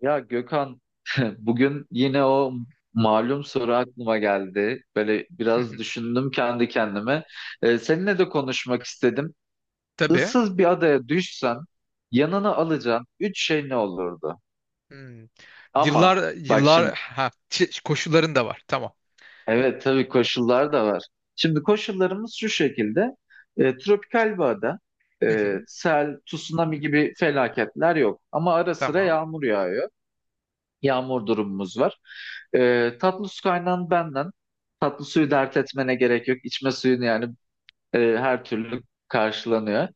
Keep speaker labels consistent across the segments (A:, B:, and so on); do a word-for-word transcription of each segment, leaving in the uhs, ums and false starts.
A: Ya Gökhan, bugün yine o malum soru aklıma geldi. Böyle biraz düşündüm kendi kendime. Ee, seninle de konuşmak istedim.
B: Tabii.
A: Issız bir adaya düşsen yanına alacağın üç şey ne olurdu?
B: Hmm.
A: Ama
B: Yıllar
A: bak
B: yıllar
A: şimdi,
B: ha şey- koşulların da var. Tamam.
A: evet, tabii koşullar da var. Şimdi koşullarımız şu şekilde. Ee, tropikal bir ada.
B: Hı
A: Ee,
B: hı.
A: sel, tsunami gibi felaketler yok. Ama ara sıra
B: Tamam.
A: yağmur yağıyor. Yağmur durumumuz var. Ee, tatlı su kaynağın benden. Tatlı
B: Hı
A: suyu
B: hı.
A: dert etmene gerek yok. İçme suyun yani e, her türlü karşılanıyor.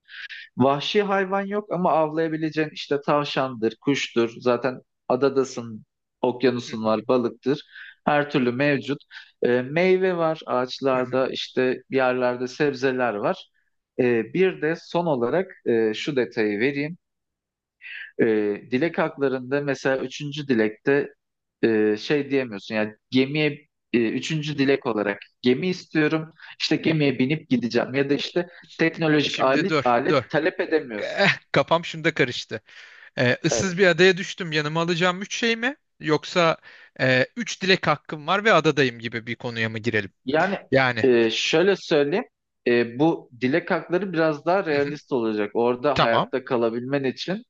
A: Vahşi hayvan yok ama avlayabileceğin işte tavşandır, kuştur. Zaten adadasın,
B: Hı
A: okyanusun
B: hı.
A: var, balıktır. Her türlü mevcut. Ee, meyve var
B: Hı hı.
A: ağaçlarda, işte yerlerde sebzeler var. Ee, bir de son olarak e, şu detayı vereyim. E, Dilek haklarında mesela üçüncü dilekte e, şey diyemiyorsun, yani gemiye e, üçüncü dilek olarak gemi istiyorum, işte gemiye binip gideceğim ya da işte teknolojik
B: Şimdi
A: alet,
B: dur, dur.
A: alet talep edemiyorsun.
B: Eh, kafam şunda karıştı. Ee, ıssız bir
A: Evet.
B: adaya düştüm. Yanıma alacağım üç şey mi? Yoksa e, üç dilek hakkım var ve adadayım gibi bir konuya mı girelim?
A: Yani,
B: Yani.
A: e, şöyle söyleyeyim, e, bu dilek hakları biraz daha
B: Hı hı.
A: realist olacak. Orada
B: Tamam.
A: hayatta kalabilmen için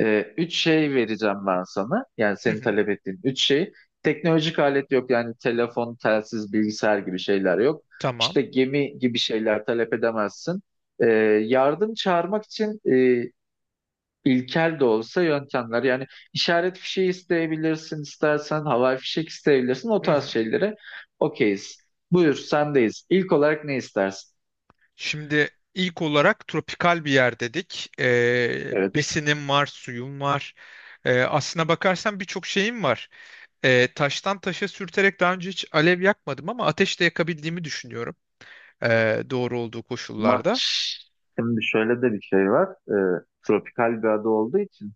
A: Ee, üç şey vereceğim ben sana. Yani
B: Hı
A: senin
B: hı.
A: talep ettiğin üç şey. Teknolojik alet yok, yani telefon, telsiz, bilgisayar gibi şeyler yok. İşte
B: Tamam.
A: gemi gibi şeyler talep edemezsin. Ee, Yardım çağırmak için e, ilkel de olsa yöntemler. Yani işaret fişeği isteyebilirsin istersen, havai fişek isteyebilirsin. O tarz şeylere okeyiz. Buyur, sendeyiz. İlk olarak ne istersin?
B: Şimdi ilk olarak tropikal bir yer dedik. Ee,
A: Evet.
B: besinim var, suyum var. Ee, aslına bakarsan birçok şeyim var. Ee, taştan taşa sürterek daha önce hiç alev yakmadım ama ateş de yakabildiğimi düşünüyorum. Ee, doğru olduğu
A: Ama
B: koşullarda.
A: şimdi şöyle de bir şey var. Ee, tropikal bir ada olduğu için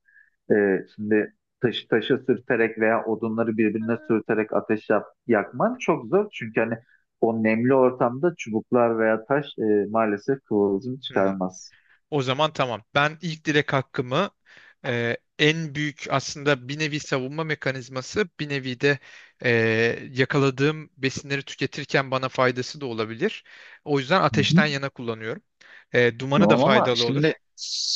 A: Ee, şimdi taşı taşı sürterek veya odunları birbirine sürterek ateş yap- yakman çok zor. Çünkü hani o nemli ortamda çubuklar veya taş e, maalesef kıvılcım
B: Hmm.
A: çıkarmaz.
B: O zaman tamam. Ben ilk dilek hakkımı e, en büyük aslında bir nevi savunma mekanizması, bir nevi de e, yakaladığım besinleri tüketirken bana faydası da olabilir. O yüzden
A: Hı hı.
B: ateşten yana kullanıyorum. E, dumanı da
A: Tamam, ama
B: faydalı olur.
A: şimdi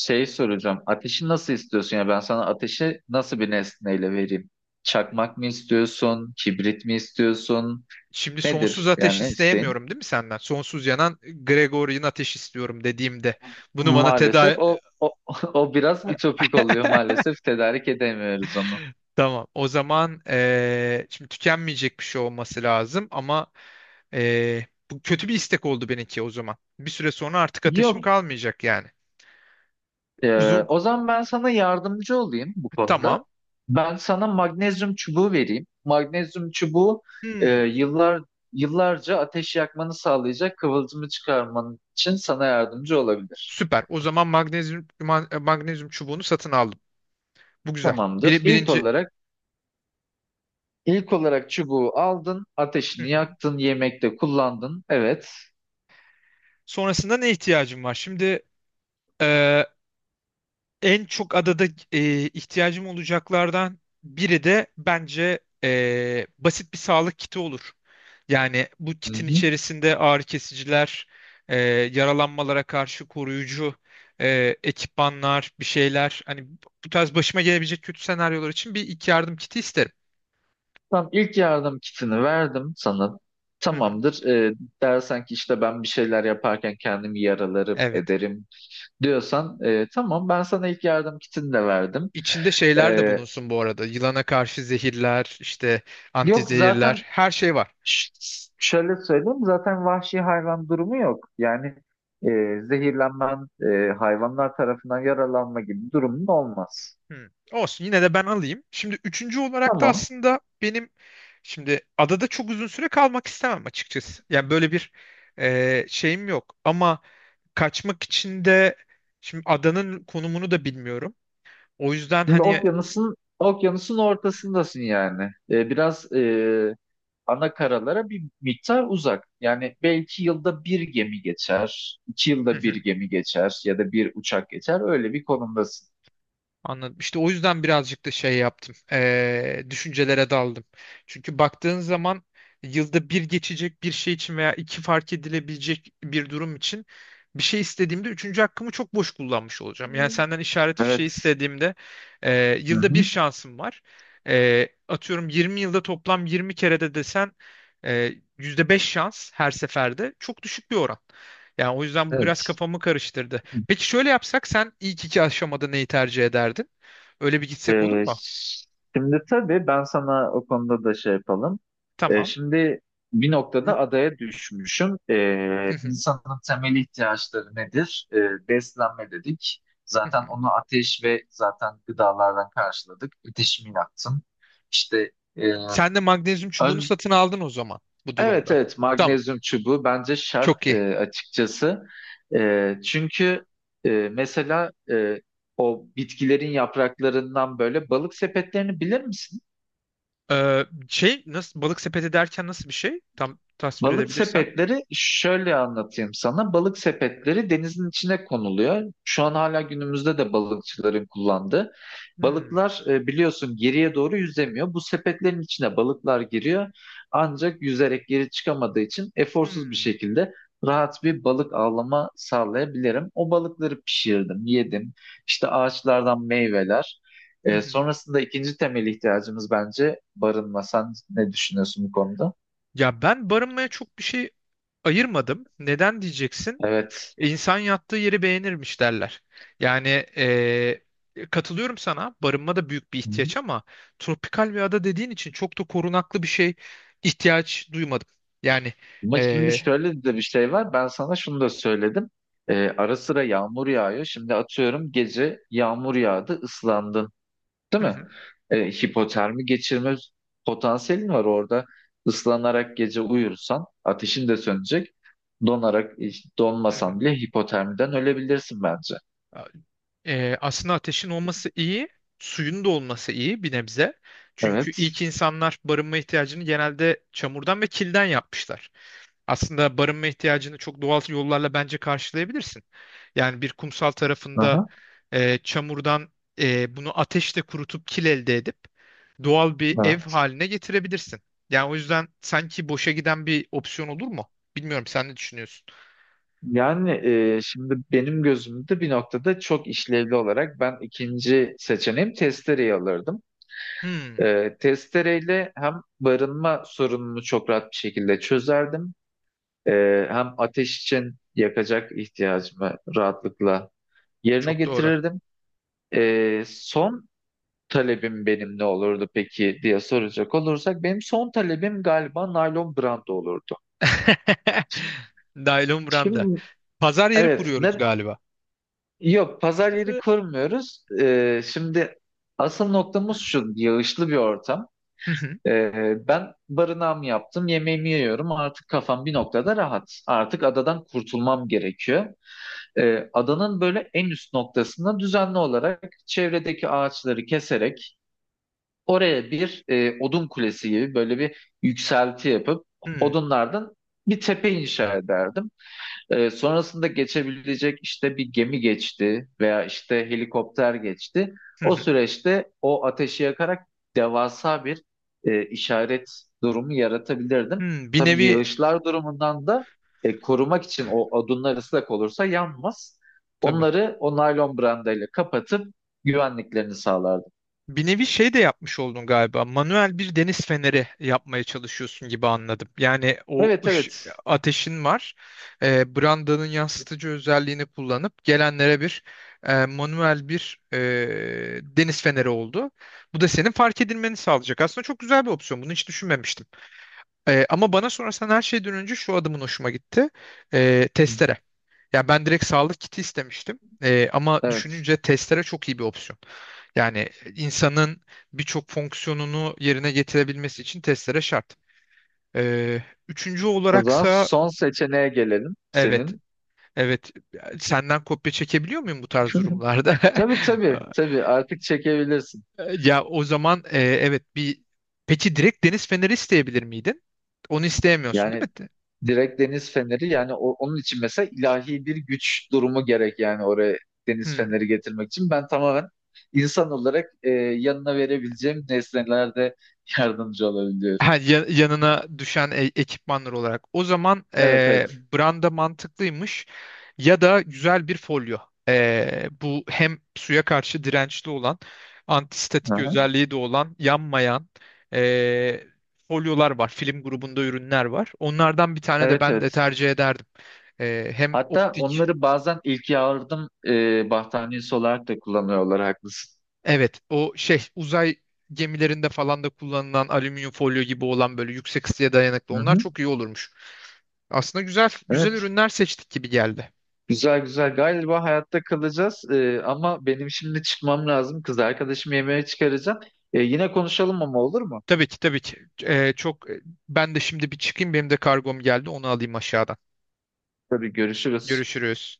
A: şey soracağım. Ateşi nasıl istiyorsun? Ya ben sana ateşi nasıl bir nesneyle vereyim? Çakmak mı istiyorsun? Kibrit mi istiyorsun?
B: Şimdi sonsuz
A: Nedir
B: ateş
A: yani isteğin?
B: isteyemiyorum değil mi senden? Sonsuz yanan Gregorian ateş istiyorum dediğimde bunu bana
A: Maalesef
B: teda
A: o o, o biraz ütopik oluyor maalesef. Tedarik edemiyoruz onu.
B: Tamam. O zaman eee, şimdi tükenmeyecek bir şey olması lazım ama eee, bu kötü bir istek oldu benimki o zaman. Bir süre sonra artık ateşim
A: Yok.
B: kalmayacak yani.
A: Ee,
B: Uzun
A: o zaman ben sana yardımcı olayım bu konuda.
B: tamam.
A: Ben sana magnezyum çubuğu vereyim. Magnezyum çubuğu e,
B: Hmm,
A: yıllar yıllarca ateş yakmanı sağlayacak kıvılcımı çıkarman için sana yardımcı olabilir.
B: Süper. O zaman magnezyum ma- magnezyum çubuğunu satın aldım. Bu güzel.
A: Tamamdır.
B: Bir,
A: İlk
B: birinci.
A: olarak ilk olarak çubuğu aldın,
B: Hı
A: ateşini
B: hı.
A: yaktın, yemekte kullandın. Evet.
B: Sonrasında ne ihtiyacım var? Şimdi eee, en çok adada eee, ihtiyacım olacaklardan biri de bence eee, basit bir sağlık kiti olur. Yani bu
A: Hı
B: kitin
A: hı.
B: içerisinde ağrı kesiciler, e, yaralanmalara karşı koruyucu e, ekipmanlar, bir şeyler. Hani bu tarz başıma gelebilecek kötü senaryolar için bir ilk yardım kiti isterim.
A: Tamam, ilk yardım kitini verdim sana.
B: Hı hı.
A: Tamamdır. Ee, dersen ki işte ben bir şeyler yaparken kendimi yaralarım,
B: Evet.
A: ederim diyorsan, e, tamam, ben sana ilk yardım kitini de verdim.
B: İçinde şeyler de
A: E,
B: bulunsun bu arada. Yılana karşı zehirler, işte
A: Yok
B: antizehirler,
A: zaten,
B: her şey var.
A: ş- şöyle söyleyeyim, zaten vahşi hayvan durumu yok. Yani e, zehirlenmen, e, hayvanlar tarafından yaralanma gibi durumun olmaz.
B: Hmm. Olsun yine de ben alayım. Şimdi üçüncü olarak da
A: Tamam.
B: aslında benim şimdi adada çok uzun süre kalmak istemem açıkçası. Yani böyle bir e, şeyim yok. Ama kaçmak için de şimdi adanın konumunu da bilmiyorum. O yüzden
A: Şimdi
B: hani.
A: okyanusun okyanusun ortasındasın yani. E, biraz e, ana karalara bir miktar uzak. Yani belki yılda bir gemi geçer, iki yılda bir gemi geçer ya da bir uçak geçer. Öyle bir konumdasın.
B: Anladım. İşte o yüzden birazcık da şey yaptım. Eee, düşüncelere daldım. Çünkü baktığın zaman yılda bir geçecek bir şey için veya iki fark edilebilecek bir durum için bir şey istediğimde üçüncü hakkımı çok boş kullanmış olacağım. Yani senden işaret fişeği
A: Evet.
B: istediğimde eee,
A: Hı
B: yılda bir
A: hı.
B: şansım var. Eee, atıyorum yirmi yılda toplam yirmi kere de desen eee, yüzde beş şans her seferde çok düşük bir oran. Yani o yüzden bu biraz
A: Evet.
B: kafamı karıştırdı. Peki şöyle yapsak sen ilk iki aşamada neyi tercih ederdin? Öyle bir gitsek olur
A: Ee,
B: mu?
A: Şimdi tabii ben sana o konuda da şey yapalım. Ee,
B: Tamam.
A: şimdi bir
B: Hı
A: noktada adaya düşmüşüm. Ee,
B: hı,
A: insanın temel ihtiyaçları nedir? Ee, beslenme dedik.
B: hı
A: Zaten
B: hı.
A: onu ateş ve zaten gıdalardan karşıladık. Ateşimi yaktım. İşte. e,
B: Sen de magnezyum çubuğunu satın aldın o zaman bu
A: Evet,
B: durumda.
A: evet,
B: Tamam.
A: magnezyum çubuğu bence
B: Çok
A: şart,
B: iyi.
A: e, açıkçası. E, çünkü e, mesela e, o bitkilerin yapraklarından böyle balık sepetlerini bilir misin?
B: Ee, şey nasıl balık sepeti derken nasıl bir şey? Tam tasvir
A: Balık
B: edebilirsen.
A: sepetleri, şöyle anlatayım sana. Balık sepetleri denizin içine konuluyor. Şu an hala günümüzde de balıkçıların kullandığı.
B: Hmm,
A: Balıklar e, biliyorsun geriye doğru yüzemiyor. Bu sepetlerin içine balıklar giriyor. Ancak yüzerek geri çıkamadığı için eforsuz bir
B: hmm,
A: şekilde rahat bir balık avlama sağlayabilirim. O balıkları pişirdim, yedim. İşte ağaçlardan meyveler.
B: hı
A: E,
B: hı.
A: sonrasında ikinci temel ihtiyacımız bence barınma. Sen ne düşünüyorsun bu konuda?
B: Ya ben barınmaya çok bir şey ayırmadım. Neden diyeceksin?
A: Evet.
B: İnsan yattığı yeri beğenirmiş derler. Yani eee, katılıyorum sana. Barınma da büyük bir ihtiyaç ama tropikal bir ada dediğin için çok da korunaklı bir şey ihtiyaç duymadım. Yani,
A: Ama şimdi
B: eee,
A: şöyle de bir şey var. Ben sana şunu da söyledim. Ee, ara sıra yağmur yağıyor. Şimdi atıyorum, gece yağmur yağdı, ıslandın, değil
B: hı
A: mi?
B: hı,
A: Ee, hipotermi geçirme potansiyelin var orada. Islanarak gece uyursan ateşin de sönecek. Donarak,
B: hı hı.
A: donmasan bile hipotermiden ölebilirsin bence.
B: Eee, aslında ateşin olması iyi, suyun da olması iyi bir nebze. Çünkü
A: Evet.
B: ilk insanlar barınma ihtiyacını genelde çamurdan ve kilden yapmışlar. Aslında barınma ihtiyacını çok doğal yollarla bence karşılayabilirsin. Yani bir kumsal tarafında
A: Aha,
B: e, çamurdan e, bunu ateşle kurutup kil elde edip doğal bir ev
A: aha.
B: haline getirebilirsin. Yani o yüzden sanki boşa giden bir opsiyon olur mu? Bilmiyorum, sen ne düşünüyorsun?
A: Yani, e, şimdi benim gözümde bir noktada çok işlevli olarak ben ikinci seçeneğim testereyi alırdım.
B: Hmm,
A: E, testereyle hem barınma sorununu çok rahat bir şekilde çözerdim. E, Hem ateş için yakacak ihtiyacımı rahatlıkla yerine
B: Çok doğru.
A: getirirdim. E, son talebim benim ne olurdu peki diye soracak olursak, benim son talebim galiba naylon branda olurdu.
B: Naylon branda.
A: Şimdi
B: Pazar yeri
A: evet,
B: kuruyoruz
A: ne,
B: galiba.
A: yok, pazar yeri
B: Hı
A: kurmuyoruz. E, şimdi asıl noktamız şu: yağışlı bir ortam.
B: hı,
A: Ee, ben barınağımı yaptım, yemeğimi yiyorum. Artık kafam bir noktada rahat. Artık adadan kurtulmam gerekiyor. Ee, adanın böyle en üst noktasında düzenli olarak çevredeki ağaçları keserek oraya bir e, odun kulesi gibi böyle bir yükselti yapıp
B: hı hı,
A: odunlardan bir tepe inşa ederdim. Ee, sonrasında geçebilecek, işte bir gemi geçti veya işte helikopter geçti.
B: hı
A: O
B: hı.
A: süreçte o ateşi yakarak devasa bir e, işaret durumu yaratabilirdim.
B: Hmm, bir
A: Tabii
B: nevi
A: yağışlar durumundan da e, korumak için, o odunlar ıslak olursa yanmaz.
B: tabii.
A: Onları o naylon brandayla kapatıp güvenliklerini sağlardım.
B: Bir nevi şey de yapmış oldun galiba. Manuel bir deniz feneri yapmaya çalışıyorsun gibi anladım. Yani o
A: Evet,
B: ış,
A: evet.
B: ateşin var. E, brandanın yansıtıcı özelliğini kullanıp gelenlere bir e, manuel bir e, deniz feneri oldu. Bu da senin fark edilmeni sağlayacak. Aslında çok güzel bir opsiyon. Bunu hiç düşünmemiştim. E, ama bana sorarsan her şeyden önce şu adımın hoşuma gitti. E, testere. Ya ben direkt sağlık kiti istemiştim. Ee, ama
A: Evet.
B: düşününce testere çok iyi bir opsiyon. Yani insanın birçok fonksiyonunu yerine getirebilmesi için testere şart. Ee, Üçüncü
A: O zaman
B: olaraksa
A: son seçeneğe gelelim
B: evet,
A: senin.
B: evet. Senden kopya çekebiliyor muyum bu tarz durumlarda?
A: Tabii, tabii, tabii, artık çekebilirsin.
B: Ya o zaman e, evet bir peki direkt deniz feneri isteyebilir miydin? Onu isteyemiyorsun
A: Yani
B: değil mi?
A: direkt deniz feneri, yani o- onun için mesela ilahi bir güç durumu gerek, yani oraya deniz
B: Hmm.
A: feneri getirmek için. Ben tamamen insan olarak e, yanına verebileceğim nesnelerde yardımcı olabiliyorum.
B: Ha, ya- yanına düşen e- ekipmanlar olarak. O zaman
A: Evet,
B: e,
A: evet.
B: branda mantıklıymış ya da güzel bir folyo. E, bu hem suya karşı dirençli olan, antistatik
A: Aha.
B: özelliği de olan, yanmayan e, folyolar var. Film grubunda ürünler var. Onlardan bir tane de
A: Evet,
B: ben de
A: evet.
B: tercih ederdim. E, hem
A: Hatta
B: optik,
A: onları bazen ilk yardım e, battaniyesi olarak da kullanıyorlar, haklısın.
B: evet o şey uzay gemilerinde falan da kullanılan alüminyum folyo gibi olan böyle yüksek ısıya dayanıklı
A: Hı
B: onlar
A: hı.
B: çok iyi olurmuş. Aslında güzel güzel
A: Evet.
B: ürünler seçtik gibi geldi.
A: Güzel, güzel. Galiba hayatta kalacağız. E, ama benim şimdi çıkmam lazım. Kız arkadaşımı yemeğe çıkaracağım. E, yine konuşalım ama, olur mu?
B: Tabii ki tabii ki. Ee, çok ben de şimdi bir çıkayım, benim de kargom geldi, onu alayım aşağıdan.
A: Tabii, görüşürüz.
B: Görüşürüz.